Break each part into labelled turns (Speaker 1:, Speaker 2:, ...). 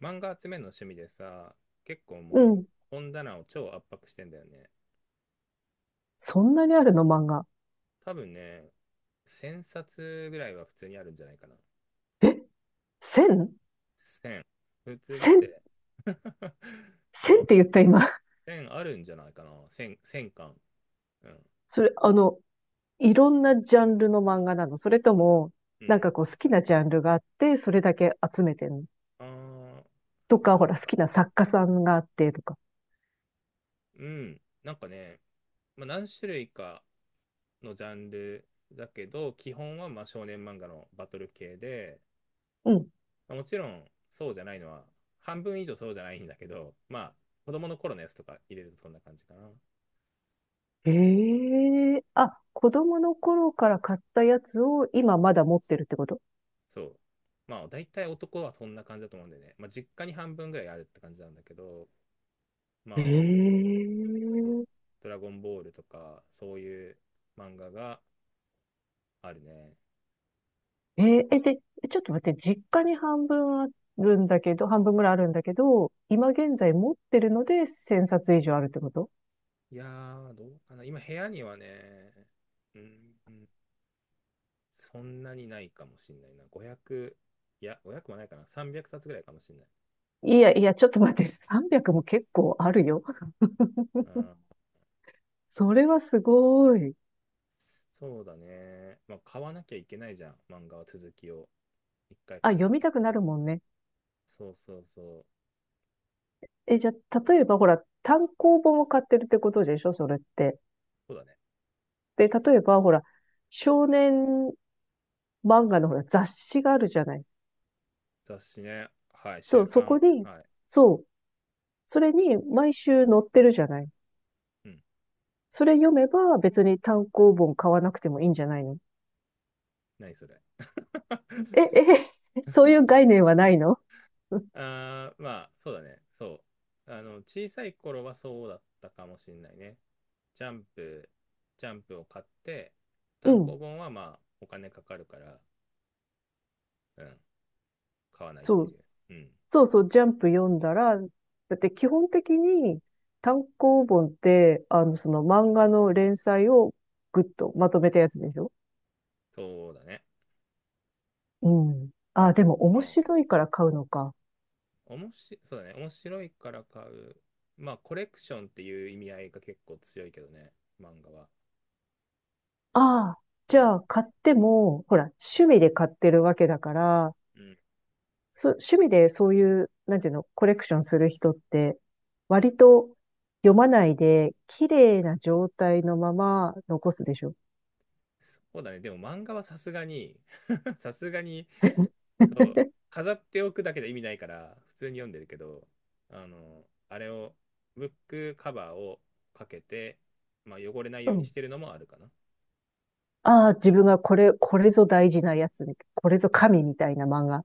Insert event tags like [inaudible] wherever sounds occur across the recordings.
Speaker 1: 漫画集めるの趣味でさ、結構
Speaker 2: う
Speaker 1: も
Speaker 2: ん。
Speaker 1: う本棚を超圧迫してんだよね。
Speaker 2: そんなにあるの漫画？
Speaker 1: 多分ね、1000冊ぐらいは普通にあるんじゃないかな。
Speaker 2: え ?1000?1000?
Speaker 1: 1000。普通だって。 [laughs] うん。
Speaker 2: って言った今。[laughs]
Speaker 1: 1000あるんじゃないかな。1000、巻。うん。
Speaker 2: それ、いろんなジャンルの漫画なの、それとも、
Speaker 1: う
Speaker 2: なん
Speaker 1: ん。
Speaker 2: かこう好きなジャンルがあって、それだけ集めてるの、
Speaker 1: ああ、
Speaker 2: と
Speaker 1: そ
Speaker 2: か、
Speaker 1: う
Speaker 2: ほら、好
Speaker 1: だ
Speaker 2: きな
Speaker 1: ね。
Speaker 2: 作家さんがあって、とか。
Speaker 1: うん。なんかね、まあ、何種類かのジャンルだけど、基本はまあ少年漫画のバトル系で、
Speaker 2: うん。
Speaker 1: もちろんそうじゃないのは、半分以上そうじゃないんだけど、まあ、子供の頃のやつとか入れるとそんな感じかな。
Speaker 2: ええ、あ、子供の頃から買ったやつを今まだ持ってるってこと？
Speaker 1: そう。まあ、大体男はそんな感じだと思うんでね。まあ、実家に半分ぐらいあるって感じなんだけど、まあ、そう、
Speaker 2: ええ、
Speaker 1: ドラゴンボールとか、そういう漫画があるね。
Speaker 2: えー、え、で、ちょっと待って、実家に半分あるんだけど、半分ぐらいあるんだけど、今現在持ってるので1000冊以上あるってこと？
Speaker 1: いやー、どうかな。今、部屋にはね、うん、うん、そんなにないかもしんないな。5 0、いや、5 0もないかな。300冊ぐらいかもしんない。
Speaker 2: いやいや、ちょっと待って、300も結構あるよ。
Speaker 1: うん、
Speaker 2: それはすごい。
Speaker 1: そうだね。まあ、買わなきゃいけないじゃん。漫画は続きを。一回
Speaker 2: あ、
Speaker 1: 買っ
Speaker 2: 読
Speaker 1: た
Speaker 2: み
Speaker 1: ら。
Speaker 2: たくなるもんね。
Speaker 1: そうそうそう。
Speaker 2: え、じゃあ、例えばほら、単行本を買ってるってことでしょ、それって。
Speaker 1: そうだね。
Speaker 2: で、例えばほら、少年漫画のほら、雑誌があるじゃない。
Speaker 1: 雑誌ね。はい。
Speaker 2: そ
Speaker 1: 週
Speaker 2: う、そこ
Speaker 1: 刊。
Speaker 2: に、
Speaker 1: はい。
Speaker 2: そう、それに毎週載ってるじゃない。
Speaker 1: うん。
Speaker 2: それ読めば別に単行本買わなくてもいいんじゃないの？
Speaker 1: 何それ。
Speaker 2: [laughs] え、
Speaker 1: [laughs]
Speaker 2: え、[laughs] そういう概念はないの？ [laughs]
Speaker 1: あー、まあ、そうだね。そう。あの、小さい頃はそうだったかもしれないね。ジャンプ、ジャンプを買って、
Speaker 2: う
Speaker 1: 単
Speaker 2: ん。
Speaker 1: 行本はまあ、お金かかるから、うん。買わないっ
Speaker 2: そ
Speaker 1: てい
Speaker 2: う。
Speaker 1: う。うん。
Speaker 2: そうそう、ジャンプ読んだら、だって基本的に単行本って、その漫画の連載をぐっとまとめたやつでしょ？
Speaker 1: そうだね。
Speaker 2: うん。
Speaker 1: だ
Speaker 2: あ
Speaker 1: か
Speaker 2: あ、でも面
Speaker 1: ら、うん。
Speaker 2: 白いから買うのか。
Speaker 1: おもし、そうだね。面白いから買う。まあ、コレクションっていう意味合いが結構強いけどね、漫画は。
Speaker 2: ああ、
Speaker 1: う
Speaker 2: じゃ
Speaker 1: ん。
Speaker 2: あ買っても、ほら、趣味で買ってるわけだから、
Speaker 1: うん。
Speaker 2: そ、趣味でそういう、なんていうの、コレクションする人って、割と読まないで、綺麗な状態のまま残すでしょ。
Speaker 1: そうだね。でも漫画はさすがに [laughs] さすがに、そう、飾っておくだけで意味ないから、普通に読んでるけど、あの、あれを、ブックカバーをかけて、まあ、汚れない
Speaker 2: う
Speaker 1: ように
Speaker 2: ん。
Speaker 1: してるのもあるかな。
Speaker 2: ああ、自分がこれ、これぞ大事なやつ、これぞ神みたいな漫画。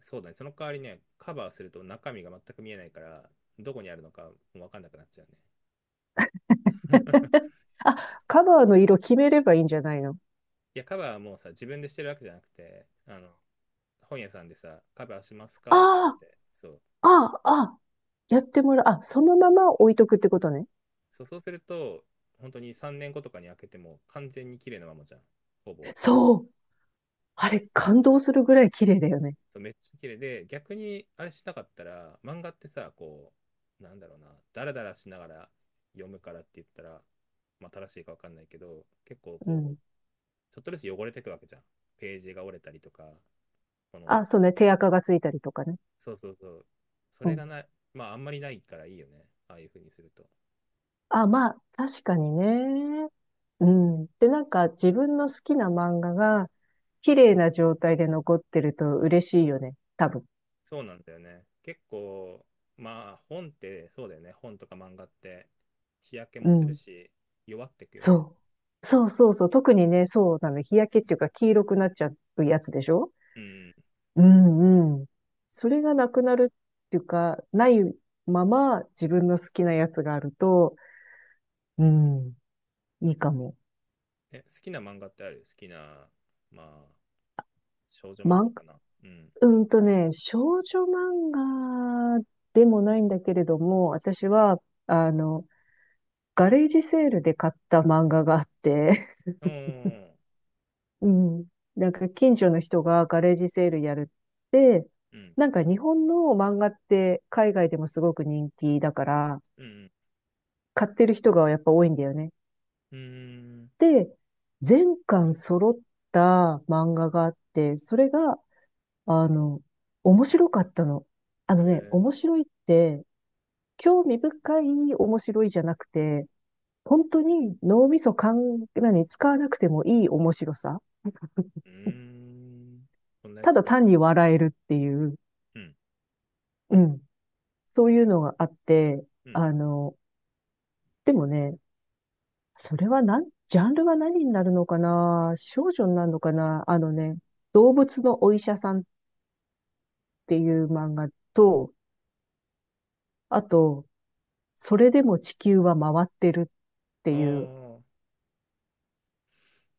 Speaker 1: そうだね。その代わりね、カバーすると中身が全く見えないから、どこにあるのかもう分かんなくなっちゃうね。
Speaker 2: あ、カバーの色決めればいいんじゃないの？
Speaker 1: いや、カバーはもうさ、自分でしてるわけじゃなくて、あの、本屋さんでさ、カバーします
Speaker 2: あ
Speaker 1: かって言われて、そう。
Speaker 2: あ、ああ、ああ、やってもらう。あ、そのまま置いとくってことね。
Speaker 1: そう、そうすると、本当に3年後とかに開けても完全に綺麗なままじゃん、ほぼ。
Speaker 2: そう。
Speaker 1: そ
Speaker 2: あれ、
Speaker 1: う
Speaker 2: 感動するぐらい綺麗だよね。
Speaker 1: そう、めっちゃ綺麗で、逆にあれしなかったら、漫画ってさ、こう、なんだろうな、ダラダラしながら読むからって言ったら、まあ、正しいかわかんないけど、結構
Speaker 2: う
Speaker 1: こ
Speaker 2: ん。
Speaker 1: う、ちょっとずつ汚れていくわけじゃん。ページが折れたりとか、この
Speaker 2: あ、そうね。手垢がついたりとかね。
Speaker 1: そうそうそう。そ
Speaker 2: う
Speaker 1: れ
Speaker 2: ん。
Speaker 1: がない、まああんまりないからいいよね。ああいう風にすると。
Speaker 2: あ、まあ、確かにね。うん。で、なんか自分の好きな漫画が綺麗な状態で残ってると嬉しいよね。多分。
Speaker 1: そうなんだよね。結構、まあ本ってそうだよね。本とか漫画って日焼け
Speaker 2: う
Speaker 1: もする
Speaker 2: ん。
Speaker 1: し、弱ってくよね。
Speaker 2: そう。そうそうそう。特にね、そうなの。日焼けっていうか黄色くなっちゃうやつでしょ？
Speaker 1: うん。
Speaker 2: うんうん。それがなくなるっていうか、ないまま自分の好きなやつがあると、うん、いいかも。
Speaker 1: え、好きな漫画ってある？好きな、まあ、少女漫
Speaker 2: 漫画、
Speaker 1: 画かな。うん。
Speaker 2: うんとね、少女漫画でもないんだけれども、私は、あの、ガレージセールで買った漫画があって、
Speaker 1: おー、
Speaker 2: [laughs] うん。なんか近所の人がガレージセールやるって、
Speaker 1: うん、
Speaker 2: なんか日本の漫画って海外でもすごく人気だから、
Speaker 1: うん、
Speaker 2: 買ってる人がやっぱ多いんだよね。
Speaker 1: うん、うーん、
Speaker 2: で、全巻揃った漫画があって、それが、あの、面白かったの。あのね、
Speaker 1: え
Speaker 2: 面白いって、興味深い面白いじゃなくて、本当に脳みそかん、何、使わなくてもいい面白さ。
Speaker 1: ー、うーん、こんなや
Speaker 2: た
Speaker 1: つ。
Speaker 2: だ単に笑えるっていう、
Speaker 1: うん、
Speaker 2: うん、そういうのがあって、
Speaker 1: うん、
Speaker 2: あの、でもね、それはなん、ジャンルは何になるのかな、少女になるのかな、あのね、動物のお医者さんっていう漫画と、あと、それでも地球は回ってるって
Speaker 1: あ
Speaker 2: いう、
Speaker 1: ー、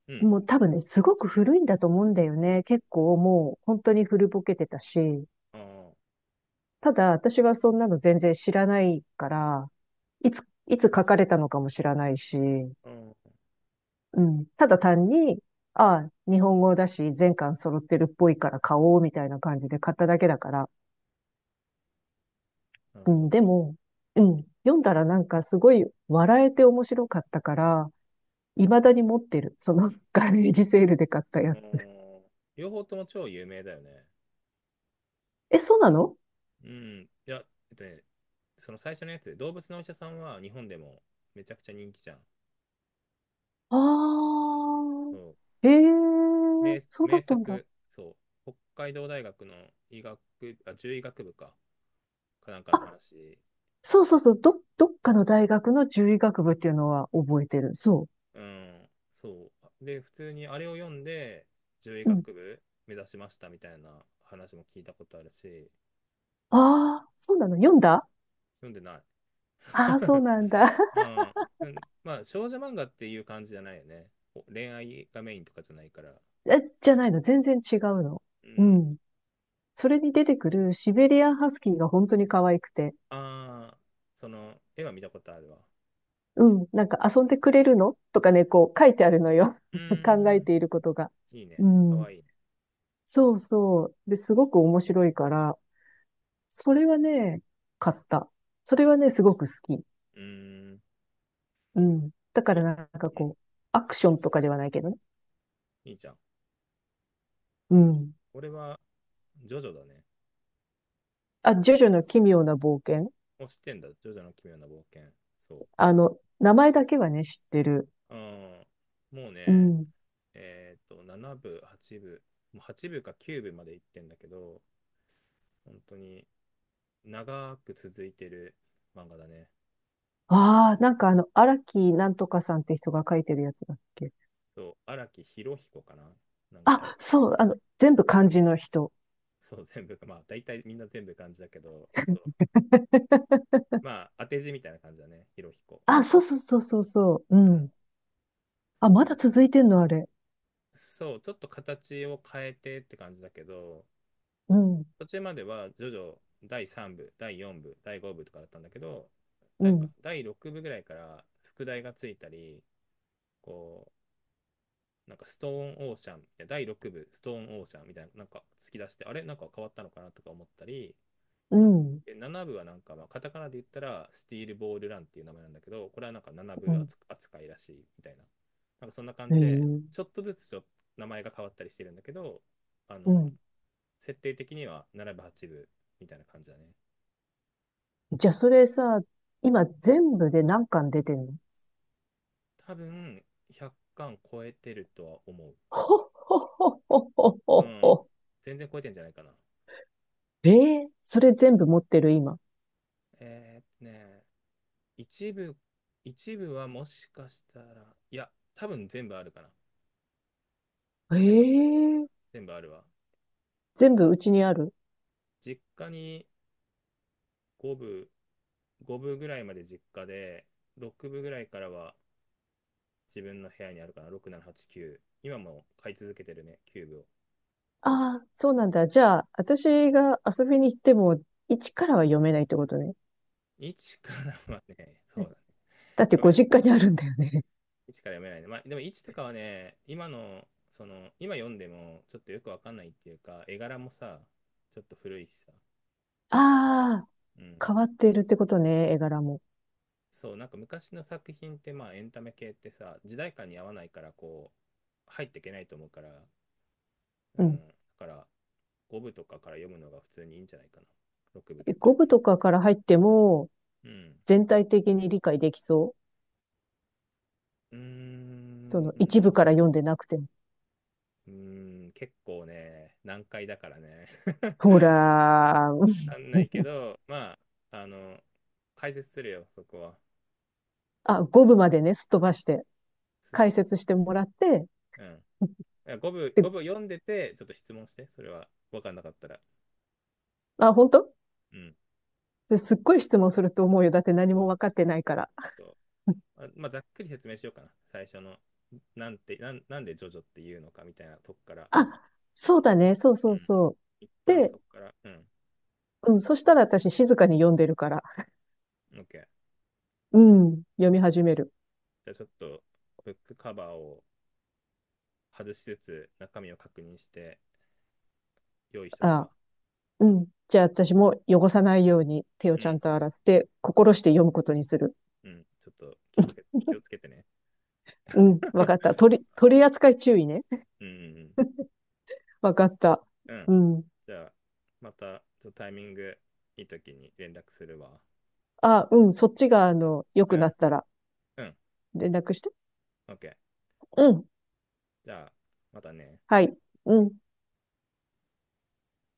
Speaker 1: うん、
Speaker 2: もう多分ね、すごく古いんだと思うんだよね。結構もう本当に古ぼけてたし、
Speaker 1: あー、
Speaker 2: ただ私はそんなの全然知らないから、いつ、いつ書かれたのかも知らないし、
Speaker 1: あー、
Speaker 2: うん。ただ単に、ああ、日本語だし、全巻揃ってるっぽいから買おう、みたいな感じで買っただけだから。
Speaker 1: なる
Speaker 2: う
Speaker 1: ほ
Speaker 2: ん、
Speaker 1: ど。
Speaker 2: でも、うん、読んだらなんかすごい笑えて面白かったから、未だに持ってる。その [laughs] ガレージセールで買ったや
Speaker 1: う
Speaker 2: つ。
Speaker 1: ん。両方とも超有名だよね。
Speaker 2: え、そうなの？
Speaker 1: うん。いや、えっとね、その最初のやつ、動物のお医者さんは日本でもめちゃくちゃ人気じゃん。
Speaker 2: ああ
Speaker 1: そう、
Speaker 2: ー、ええ、
Speaker 1: 名
Speaker 2: そうだ
Speaker 1: 名
Speaker 2: ったんだ。
Speaker 1: 作、そう、北海道大学の医学、あ、獣医学部か、なんかの
Speaker 2: あ、
Speaker 1: 話。
Speaker 2: そうそうそう、ど、どっかの大学の獣医学部っていうのは覚えてる。そ
Speaker 1: うん、そう。で、普通にあれを読んで、獣医
Speaker 2: う。うん。
Speaker 1: 学部目指しましたみたいな話も聞いたことあるし、
Speaker 2: ああ、そうなの、読んだ？
Speaker 1: 読んでない。
Speaker 2: ああー、そう
Speaker 1: [laughs]
Speaker 2: なんだ。
Speaker 1: うん。うん、まあ、少女漫画っていう感じじゃないよね。こう恋愛がメインとかじゃないから。
Speaker 2: え、じゃないの？全然違うの？
Speaker 1: う
Speaker 2: う
Speaker 1: ん。
Speaker 2: ん。それに出てくるシベリアンハスキーが本当に可愛くて。
Speaker 1: ああ、その、絵は見たことあるわ。
Speaker 2: うん。なんか遊んでくれるのとかね、こう書いてあるのよ。
Speaker 1: うー
Speaker 2: [laughs] 考え
Speaker 1: ん。
Speaker 2: ていることが。
Speaker 1: いいね。
Speaker 2: う
Speaker 1: か
Speaker 2: ん。
Speaker 1: わいいね。
Speaker 2: そうそう。で、すごく面白いから、それはね、買った。それはね、すごく好き。
Speaker 1: うーん。
Speaker 2: うん。だから
Speaker 1: い、
Speaker 2: なんか
Speaker 1: うん。
Speaker 2: こう、アクションとかではないけどね。
Speaker 1: いいじゃん。
Speaker 2: うん。
Speaker 1: これは、ジョジョだね。
Speaker 2: あ、ジョジョの奇妙な冒険。
Speaker 1: もう知ってんだ。ジョジョの奇妙な冒険。そ
Speaker 2: 名前だけはね、知ってる。
Speaker 1: う。うん。もう
Speaker 2: う
Speaker 1: ね、
Speaker 2: ん。
Speaker 1: 7部、8部、もう8部か9部まで行ってんだけど、本当に長く続いてる漫画だね。
Speaker 2: ああ、なんかあの、荒木なんとかさんって人が書いてるやつだっけ。
Speaker 1: そう、荒木博彦かな、なんか、
Speaker 2: あ、そう、全部漢字の人。
Speaker 1: そう、全部、まあ、大体みんな全部漢字だけど、そう、まあ、当て字みたいな感じだね、博彦。
Speaker 2: あ、そうそうそうそうそう。
Speaker 1: う
Speaker 2: うん。
Speaker 1: ん、
Speaker 2: あ、
Speaker 1: そう
Speaker 2: まだ続いてんの、あれ？
Speaker 1: そう、ちょっと形を変えてって感じだけど、
Speaker 2: うん、
Speaker 1: 途中までは、徐々ジ第3部、第4部、第5部とかだったんだけど、
Speaker 2: う
Speaker 1: なんか、
Speaker 2: ん、
Speaker 1: 第6部ぐらいから、副題がついたり、こう、なんか、ストーンオーシャン、いや第6部、ストーンオーシャンみたいな、なんか、突き出して、あれなんか変わったのかなとか思ったり、
Speaker 2: うん、
Speaker 1: で7部はなんか、まあ、カタカナで言ったら、スティールボールランっていう名前なんだけど、これはなんか7
Speaker 2: う
Speaker 1: 部
Speaker 2: ん。
Speaker 1: 扱いらしいみたいな。なんかそんな感じで、ち
Speaker 2: ええ、
Speaker 1: ょっとずつちょっと名前が変わったりしてるんだけど、あ
Speaker 2: う
Speaker 1: の、
Speaker 2: ん。
Speaker 1: 設定的には7部、8部みたいな感じだね。
Speaker 2: じゃあ、それさ、今全部で何巻出てんの？
Speaker 1: 多分、100巻超えてるとは思う。
Speaker 2: ほっほっほっほっほっほ
Speaker 1: う
Speaker 2: っ
Speaker 1: ん。
Speaker 2: ほ。
Speaker 1: 全然超えてんじゃないかな。
Speaker 2: [laughs] ええ、それ全部持ってる、今？
Speaker 1: えーっとね、一部、一部はもしかしたら、いや、多分全部あるかな。全部、
Speaker 2: ええ、
Speaker 1: 全部あるわ。
Speaker 2: 全部うちにある？
Speaker 1: 実家に5部、5部ぐらいまで実家で、6部ぐらいからは自分の部屋にあるかな、6、7、8、9。今も買い続けてるね、9部を。
Speaker 2: ああ、そうなんだ。じゃあ、私が遊びに行っても、一からは読めないってことね。
Speaker 1: 1からはね、[laughs] そうだね。
Speaker 2: だって
Speaker 1: 読め
Speaker 2: ご
Speaker 1: ない。
Speaker 2: 実家にあるんだよね。
Speaker 1: 1から読めないね。まあ、でも1とかはね、今の、その、今読んでもちょっとよくわかんないっていうか、絵柄もさ、ちょっと古いしさ。
Speaker 2: あ
Speaker 1: うん。
Speaker 2: あ、変わっているってことね、絵柄も。
Speaker 1: そう、なんか昔の作品って、まあ、エンタメ系ってさ、時代感に合わないから、こう、入っていけないと思うから、う
Speaker 2: うん。
Speaker 1: ん。だから、5部とかから読むのが普通にいいんじゃないかな。6部とか。
Speaker 2: 五部とかから入っても、
Speaker 1: うん。
Speaker 2: 全体的に理解できそう。
Speaker 1: うー
Speaker 2: その一
Speaker 1: ん。
Speaker 2: 部から読んでなくても。
Speaker 1: うーん。結構ね、難解だからね。[laughs]
Speaker 2: ほらー、うん、
Speaker 1: わかんないけど、まあ、あの、解説するよ、そこは。
Speaker 2: あ、五部までね、すっ飛ばして、
Speaker 1: す
Speaker 2: 解説してもらって、
Speaker 1: うん。5部、
Speaker 2: で、
Speaker 1: 5部読んでて、ちょっと質問して、それは分かんなかったら。
Speaker 2: あ、本当
Speaker 1: うん。
Speaker 2: ですっごい質問すると思うよ。だって何
Speaker 1: そう
Speaker 2: も分かってないから。
Speaker 1: そう、まあ、ざっくり説明しようかな。最初の、なんて、なん、なんでジョジョっていうのかみたいなとこから。
Speaker 2: あ、そうだね、そう
Speaker 1: う
Speaker 2: そう
Speaker 1: ん。
Speaker 2: そ
Speaker 1: 一
Speaker 2: う。
Speaker 1: 旦
Speaker 2: で、
Speaker 1: そこから。うん。
Speaker 2: うん、そしたら私静かに読んでるから、
Speaker 1: OK。
Speaker 2: うん、読み始める。
Speaker 1: じゃあちょっと、ブックカバーを外しつつ、中身を確認して、用意しとく
Speaker 2: あ、
Speaker 1: わ。
Speaker 2: うん。じゃあ私も汚さないように手を
Speaker 1: う
Speaker 2: ちゃん
Speaker 1: ん、
Speaker 2: と洗って、心して読むことにする。
Speaker 1: うん、ちょっと気をつけてね
Speaker 2: うん、わかっ
Speaker 1: [laughs]。
Speaker 2: た。取り、取り扱い注意ね。
Speaker 1: うん、
Speaker 2: わかった。
Speaker 1: うん、うん。
Speaker 2: うん。
Speaker 1: じゃあ、また、ちょっとタイミングいい時に連絡するわ。
Speaker 2: あ、うん、そっちが、良
Speaker 1: う
Speaker 2: くな
Speaker 1: ん、
Speaker 2: ったら
Speaker 1: うん、
Speaker 2: 連絡して。
Speaker 1: オッケー。
Speaker 2: うん。
Speaker 1: じゃあ、またね。
Speaker 2: はい。うん。